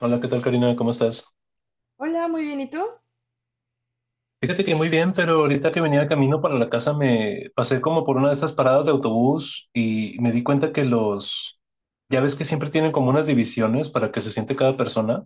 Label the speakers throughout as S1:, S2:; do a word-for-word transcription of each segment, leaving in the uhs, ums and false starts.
S1: Hola, ¿qué tal, Karina? ¿Cómo estás?
S2: Hola, muy bien. ¿Y tú?
S1: Fíjate que muy bien, pero ahorita que venía de camino para la casa me pasé como por una de estas paradas de autobús y me di cuenta que los, ya ves que siempre tienen como unas divisiones para que se siente cada persona.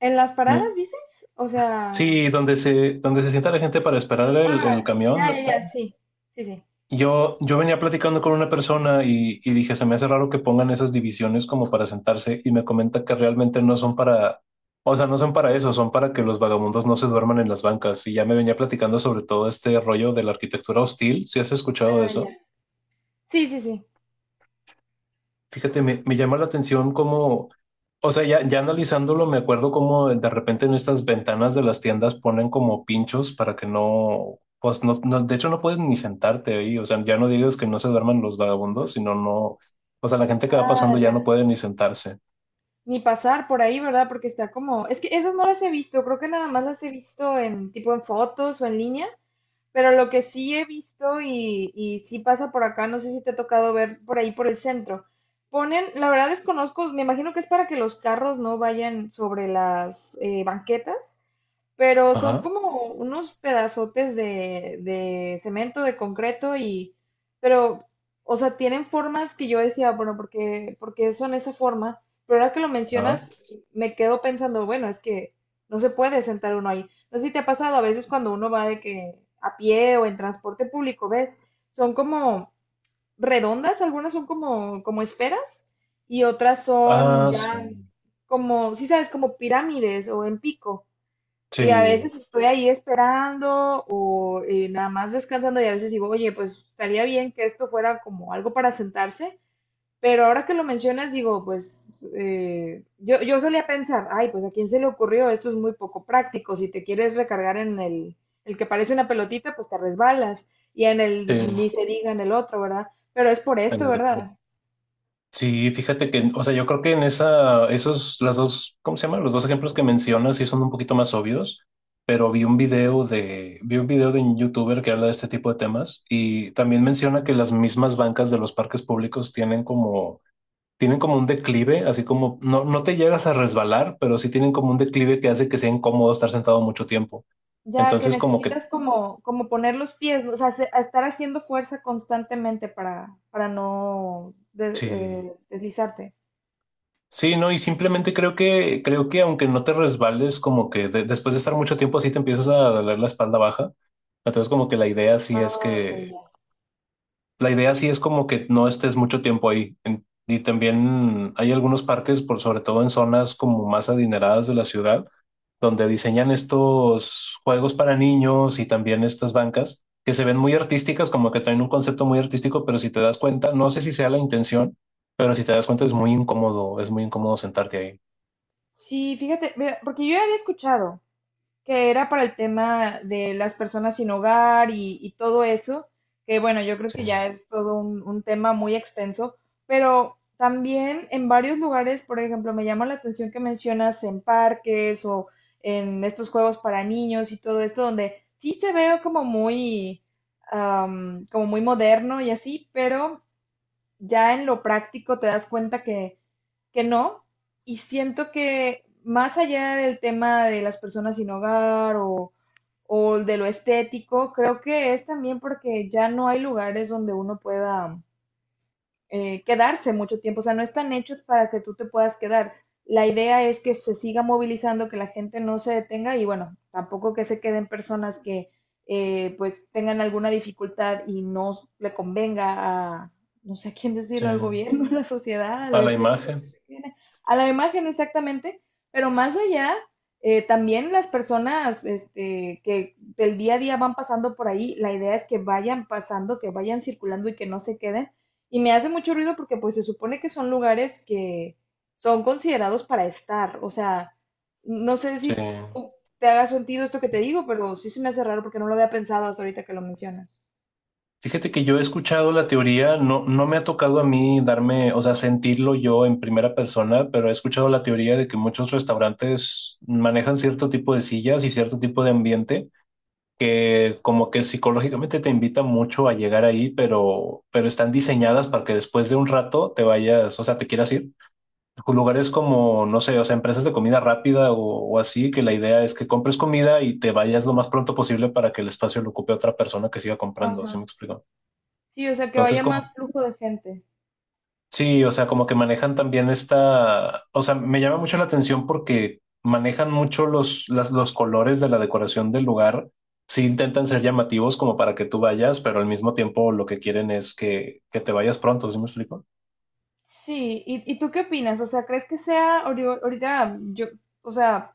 S2: ¿En las paradas
S1: Me,
S2: dices? O sea,
S1: sí, donde se, donde se sienta la gente para esperar el,
S2: ah,
S1: el
S2: ya,
S1: camión.
S2: ya, ya, sí. Sí, sí.
S1: Yo, yo venía platicando con una persona y, y dije, se me hace raro que pongan esas divisiones como para sentarse y me comenta que realmente no son para, o sea, no son para eso, son para que los vagabundos no se duerman en las bancas. Y ya me venía platicando sobre todo este rollo de la arquitectura hostil, ¿si has escuchado de
S2: Ah, ya.
S1: eso?
S2: Sí, sí, sí.
S1: Fíjate, me, me llama la atención cómo, o sea, ya, ya analizándolo, me acuerdo cómo de repente en estas ventanas de las tiendas ponen como pinchos para que no, pues no, no- de hecho no puedes ni sentarte ahí, o sea, ya no digas que no se duerman los vagabundos, sino no, o sea, la gente que va pasando
S2: Ah,
S1: ya no
S2: ya.
S1: puede ni sentarse.
S2: Ni pasar por ahí, ¿verdad? Porque está como, es que esas no las he visto, creo que nada más las he visto en tipo en fotos o en línea, pero lo que sí he visto y, y sí pasa por acá, no sé si te ha tocado ver por ahí por el centro. Ponen, la verdad desconozco, me imagino que es para que los carros no vayan sobre las eh, banquetas, pero son
S1: Ajá,
S2: como unos pedazotes de, de cemento, de concreto y, pero, o sea, tienen formas que yo decía, bueno, porque, porque son esa forma, pero ahora que lo
S1: ajá.
S2: mencionas, me quedo pensando, bueno, es que no se puede sentar uno ahí. No sé si te ha pasado a veces cuando uno va de que a pie o en transporte público, ves, son como redondas, algunas son como, como esferas y otras son
S1: Ah, sí,
S2: ya como, si sabes, como pirámides o en pico. Y a
S1: sí,
S2: veces estoy ahí esperando o eh, nada más descansando y a veces digo, oye, pues estaría bien que esto fuera como algo para sentarse, pero ahora que lo mencionas digo, pues eh, yo, yo solía pensar, ay, pues a quién se le ocurrió, esto es muy poco práctico, si te quieres recargar en el, el que parece una pelotita, pues te resbalas y en
S1: sí,
S2: el, ni se diga en el otro, ¿verdad? Pero es por
S1: en
S2: esto,
S1: el.
S2: ¿verdad?
S1: Sí, fíjate que, o sea, yo creo que en esa, esos, las dos, ¿cómo se llaman? Los dos ejemplos que mencionas sí son un poquito más obvios, pero vi un video de, vi un video de un youtuber que habla de este tipo de temas y también menciona que las mismas bancas de los parques públicos tienen como, tienen como un declive, así como, no, no te llegas a resbalar, pero sí tienen como un declive que hace que sea incómodo estar sentado mucho tiempo.
S2: Ya que
S1: Entonces, como que,
S2: necesitas como, como poner los pies, o sea, se- a estar haciendo fuerza constantemente para, para no de-
S1: sí.
S2: eh, deslizarte.
S1: Sí, no, y simplemente creo que, creo que aunque no te resbales, como que de- después de estar mucho tiempo así te empiezas a doler la espalda baja. Entonces, como que la idea sí es
S2: Ah, ok,
S1: que,
S2: ya.
S1: la idea sí es como que no estés mucho tiempo ahí. En- y también hay algunos parques, por sobre todo en zonas como más adineradas de la ciudad, donde diseñan estos juegos para niños y también estas bancas que se ven muy artísticas, como que traen un concepto muy artístico, pero si te das cuenta, no sé si sea la intención, pero si te das cuenta es muy incómodo, es muy incómodo sentarte ahí.
S2: Sí, fíjate, mira, porque yo ya había escuchado, que era para el tema de las personas sin hogar y, y todo eso, que bueno, yo creo
S1: Sí,
S2: que ya es todo un, un tema muy extenso, pero también en varios lugares, por ejemplo, me llama la atención que mencionas en parques o en estos juegos para niños y todo esto, donde sí se ve como muy, am, como muy moderno y así, pero ya en lo práctico te das cuenta que, que no. Y siento que más allá del tema de las personas sin hogar o o de lo estético, creo que es también porque ya no hay lugares donde uno pueda eh, quedarse mucho tiempo, o sea, no están hechos para que tú te puedas quedar. La idea es que se siga movilizando, que la gente no se detenga y bueno, tampoco que se queden personas que eh, pues tengan alguna dificultad y no le convenga a, no sé a quién
S1: sí.
S2: decirlo, al gobierno, a la sociedad, a
S1: A
S2: lo
S1: la
S2: estético
S1: imagen,
S2: que se tiene, a la imagen exactamente, pero más allá, eh, también las personas este, que del día a día van pasando por ahí, la idea es que vayan pasando, que vayan circulando y que no se queden y me hace mucho ruido porque pues se supone que son lugares que son considerados para estar. O sea, no sé
S1: sí.
S2: si tú te haga sentido esto que te digo, pero sí se me hace raro porque no lo había pensado hasta ahorita que lo mencionas.
S1: Fíjate que yo he escuchado la teoría, no, no me ha tocado a mí darme, o sea, sentirlo yo en primera persona, pero he escuchado la teoría de que muchos restaurantes manejan cierto tipo de sillas y cierto tipo de ambiente que como que psicológicamente te invita mucho a llegar ahí, pero, pero están diseñadas para que después de un rato te vayas, o sea, te quieras ir. Lugares como, no sé, o sea, empresas de comida rápida o, o así, que la idea es que compres comida y te vayas lo más pronto posible para que el espacio lo ocupe otra persona que siga comprando,
S2: Ajá.
S1: ¿sí me explico?
S2: Sí, o sea, que
S1: Entonces,
S2: vaya más
S1: como,
S2: flujo de gente.
S1: sí, o sea, como que manejan también esta, o sea, me llama mucho la atención porque manejan mucho los, las, los colores de la decoración del lugar. Sí intentan ser llamativos como para que tú vayas, pero al mismo tiempo lo que quieren es que, que te vayas pronto, ¿sí me explico?
S2: Sí, ¿y, y tú qué opinas? O sea, ¿crees que sea ahori- ahorita yo? O sea,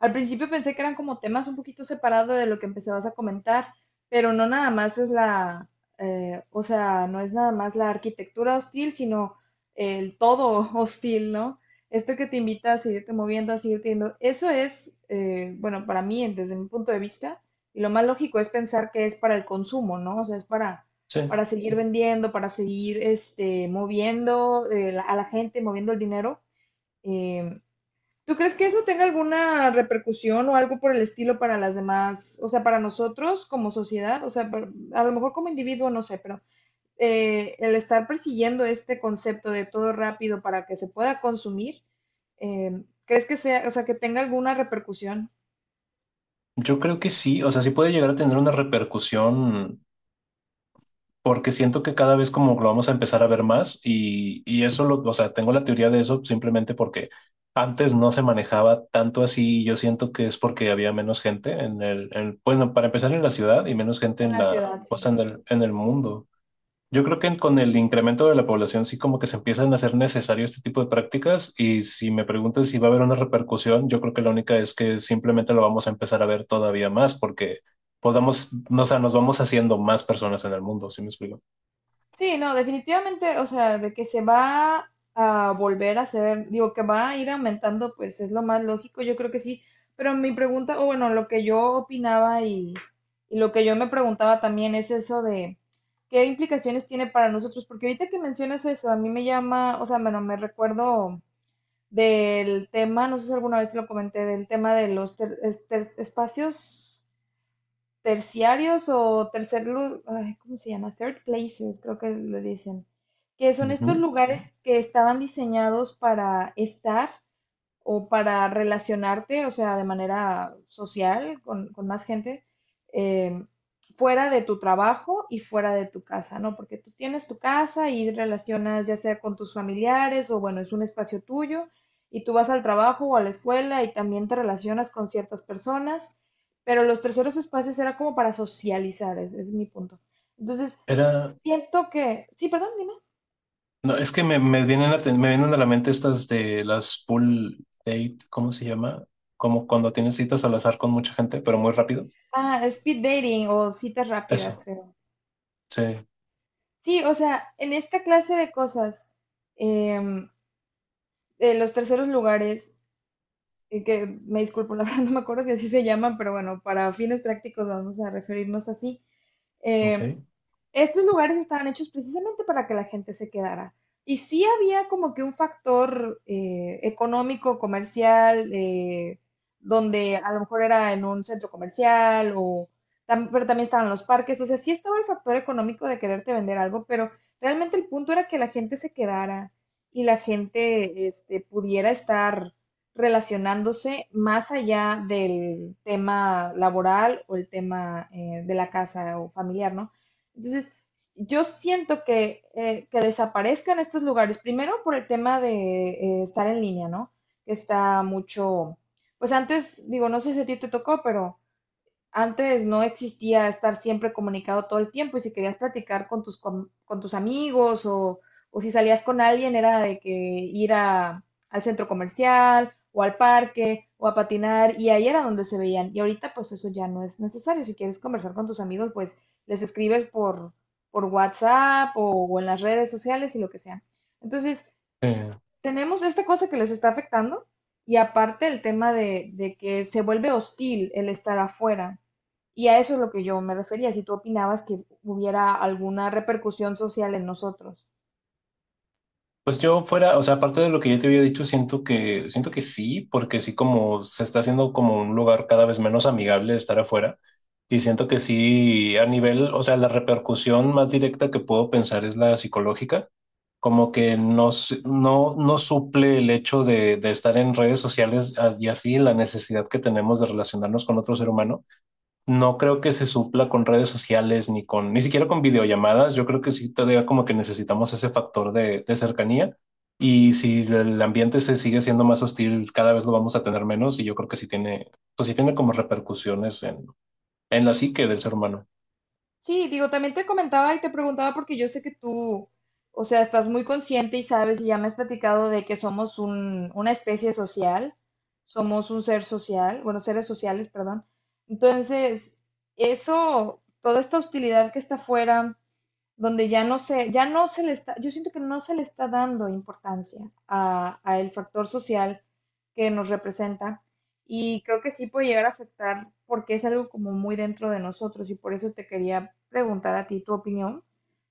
S2: al principio pensé que eran como temas un poquito separados de lo que empezabas a comentar, pero no nada más es la, eh, o sea, no es nada más la arquitectura hostil, sino el todo hostil, ¿no? Esto que te invita a seguirte moviendo, a seguirte yendo, eso es, eh, bueno, para mí, desde mi punto de vista, y lo más lógico es pensar que es para el consumo, ¿no? O sea, es para,
S1: Sí.
S2: para seguir vendiendo, para seguir este, moviendo eh, la- a la gente, moviendo el dinero. eh, ¿Tú crees que eso tenga alguna repercusión o algo por el estilo para las demás? O sea, ¿para nosotros como sociedad? O sea, par- a lo mejor como individuo, no sé, pero eh, el estar persiguiendo este concepto de todo rápido para que se pueda consumir, eh, ¿crees que sea, o sea, que tenga alguna repercusión
S1: Yo creo que sí, o sea, sí puede llegar a tener una repercusión porque siento que cada vez como lo vamos a empezar a ver más y, y eso, lo, o sea, tengo la teoría de eso simplemente porque antes no se manejaba tanto así y yo siento que es porque había menos gente en el, en- bueno, para empezar en la ciudad y menos gente
S2: en
S1: en
S2: la
S1: la,
S2: ciudad?
S1: pues
S2: ¿Sí?
S1: en el, en el mundo. Yo creo que con el incremento de la población sí como que se empiezan a hacer necesario este tipo de prácticas y si me preguntas si va a haber una repercusión, yo creo que la única es que simplemente lo vamos a empezar a ver todavía más porque podamos, no, o sea, nos vamos haciendo más personas en el mundo, ¿sí me explico?
S2: Sí, no, definitivamente, o sea, de que se va a volver a hacer, digo, que va a ir aumentando, pues es lo más lógico, yo creo que sí, pero mi pregunta, o bueno, lo que yo opinaba y, y lo que yo me preguntaba también es eso de qué implicaciones tiene para nosotros, porque ahorita que mencionas eso, a mí me llama, o sea, bueno, me recuerdo del tema, no sé si alguna vez te lo comenté, del tema de los ter- es- ter- espacios terciarios o tercer lu- ay, ¿cómo se llama? Third places, creo que le dicen, que son estos
S1: Ujú.
S2: lugares que estaban diseñados para estar o para relacionarte, o sea, de manera social con, con más gente, eh, fuera de tu trabajo y fuera de tu casa, ¿no? Porque tú tienes tu casa y relacionas ya sea con tus familiares o bueno, es un espacio tuyo y tú vas al trabajo o a la escuela y también te relacionas con ciertas personas, pero los terceros espacios era como para socializar, ese es mi punto. Entonces,
S1: Era,
S2: siento que, sí, perdón, dime.
S1: no, es que me, me vienen a, te- me vienen a la mente estas de las pool date, ¿cómo se llama? Como cuando tienes citas al azar con mucha gente, pero muy rápido.
S2: Ah, speed dating o citas rápidas,
S1: Eso,
S2: creo.
S1: sí,
S2: Sí, o sea, en esta clase de cosas, em, de los terceros lugares, eh, que me disculpo, la verdad no me acuerdo si así se llaman, pero bueno, para fines prácticos vamos a referirnos así. eh,
S1: ok.
S2: Estos lugares estaban hechos precisamente para que la gente se quedara. Y sí había como que un factor eh, económico, comercial, eh, donde a lo mejor era en un centro comercial o tam- pero también estaban los parques, o sea, sí estaba el factor económico de quererte vender algo, pero realmente el punto era que la gente se quedara y la gente este, pudiera estar relacionándose más allá del tema laboral o el tema eh, de la casa o familiar, ¿no? Entonces, yo siento que, eh, que desaparezcan estos lugares, primero por el tema de eh, estar en línea, ¿no? Que está mucho, pues antes, digo, no sé si a ti te tocó, pero antes no existía estar siempre comunicado todo el tiempo y si querías platicar con tus, com- con tus amigos o, o si salías con alguien era de que ir a- al centro comercial o al parque o a patinar y ahí era donde se veían. Y ahorita pues eso ya no es necesario. Si quieres conversar con tus amigos pues les escribes por, por WhatsApp o, o en las redes sociales y lo que sea. Entonces
S1: Sí.
S2: tenemos esta cosa que les está afectando y aparte el tema de, de que se vuelve hostil el estar afuera. Y a eso es lo que yo me refería, si tú opinabas que hubiera alguna repercusión social en nosotros.
S1: Pues yo fuera, o sea, aparte de lo que ya te había dicho, siento que, siento que sí, porque sí como se está haciendo como un lugar cada vez menos amigable estar afuera. Y siento que sí, a nivel, o sea, la repercusión más directa que puedo pensar es la psicológica, como que no, s- no, no suple el hecho de, de estar en redes sociales y así la necesidad que tenemos de relacionarnos con otro ser humano. No creo que se supla con redes sociales ni con, ni siquiera con videollamadas. Yo creo que sí todavía como que necesitamos ese factor de, de cercanía. Y si el ambiente se sigue siendo más hostil, cada vez lo vamos a tener menos. Y yo creo que sí tiene, pues sí tiene como repercusiones en, en la psique del ser humano
S2: Sí, digo, también te comentaba y te preguntaba porque yo sé que tú, o sea, estás muy consciente y sabes y ya me has platicado de que somos un, una especie social, somos un ser social, bueno, seres sociales, perdón. Entonces, eso, toda esta hostilidad que está afuera, donde ya no se, ya no se le está, yo siento que no se le está dando importancia a, a el factor social que nos representa y creo que sí puede llegar a afectar porque es algo como muy dentro de nosotros y por eso te quería preguntar a ti tu opinión,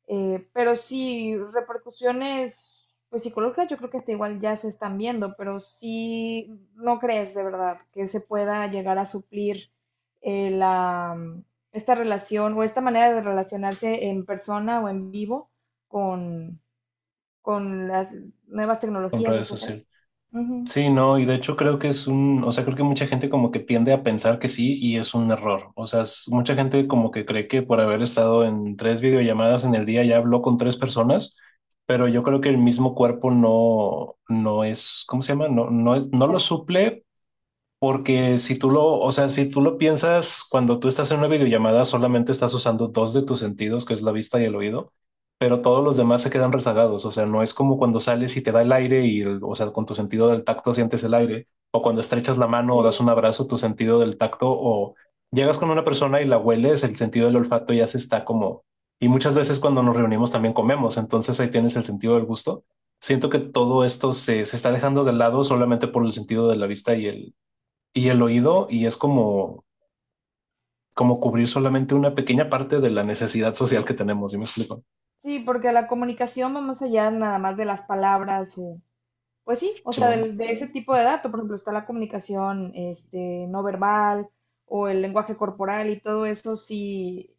S2: eh, pero sí repercusiones pues psicológicas yo creo que hasta igual ya se están viendo, pero sí no crees de verdad que se pueda llegar a suplir eh, la esta relación o esta manera de relacionarse en persona o en vivo con, con las nuevas
S1: con
S2: tecnologías,
S1: redes
S2: etcétera.
S1: sociales.
S2: Ujú.
S1: Sí, no, y de hecho creo que es un, o sea, creo que mucha gente como que tiende a pensar que sí y es un error. O sea, es- mucha gente como que cree que por haber estado en tres videollamadas en el día ya habló con tres personas, pero yo creo que el mismo cuerpo no, no es, ¿cómo se llama? No, no es, no lo
S2: Ya,
S1: suple porque si tú lo, o sea, si tú lo piensas, cuando tú estás en una videollamada, solamente estás usando dos de tus sentidos, que es la vista y el oído, pero todos los demás se quedan rezagados. O sea, no es como cuando sales y te da el aire y, el- o sea, con tu sentido del tacto sientes el aire, o cuando estrechas la mano o das un
S2: sí.
S1: abrazo, tu sentido del tacto, o llegas con una persona y la hueles, el sentido del olfato ya se está como... Y muchas veces cuando nos reunimos también comemos, entonces ahí tienes el sentido del gusto. Siento que todo esto se, se está dejando de lado solamente por el sentido de la vista y el y el oído, y es como, como cubrir solamente una pequeña parte de la necesidad social que
S2: Sí,
S1: tenemos, ¿sí me explico?
S2: sí, porque la comunicación va más allá nada más de las palabras o, pues sí, o
S1: Sí,
S2: sea, del- de, ese tipo de dato, por ejemplo, está la comunicación este, no verbal o el lenguaje corporal y todo eso, sí,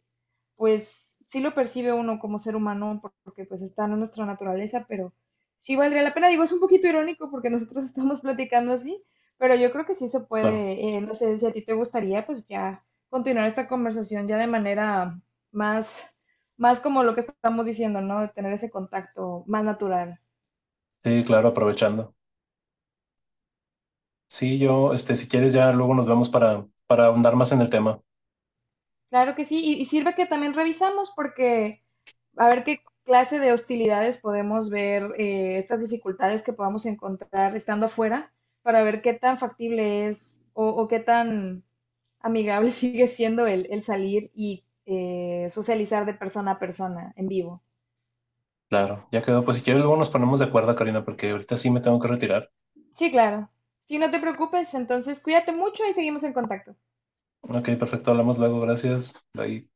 S2: pues sí lo percibe uno como ser humano porque pues está en nuestra naturaleza, pero sí valdría la pena. Digo, es un poquito irónico porque nosotros estamos platicando así, pero yo creo que sí se
S1: claro,
S2: puede, eh, no sé si a ti te gustaría, pues ya continuar esta conversación ya de manera más, más como lo que estamos diciendo, ¿no? De tener ese contacto más natural.
S1: sí, claro, aprovechando. Sí, yo, este, si quieres, ya luego nos vemos para, para ahondar más en el tema.
S2: Claro que sí, y, y sirve que también revisamos porque a ver qué clase de hostilidades podemos ver, eh, estas dificultades que podamos encontrar estando afuera, para ver qué tan factible es o, o qué tan amigable sigue siendo el, el salir y eh, socializar de persona a persona en vivo.
S1: Claro, ya quedó. Pues si quieres, luego nos ponemos de acuerdo, Karina, porque ahorita sí me tengo que retirar.
S2: Sí, claro. Sí, no te preocupes, entonces cuídate mucho y seguimos en contacto.
S1: Ok, perfecto, hablamos luego, gracias. Bye.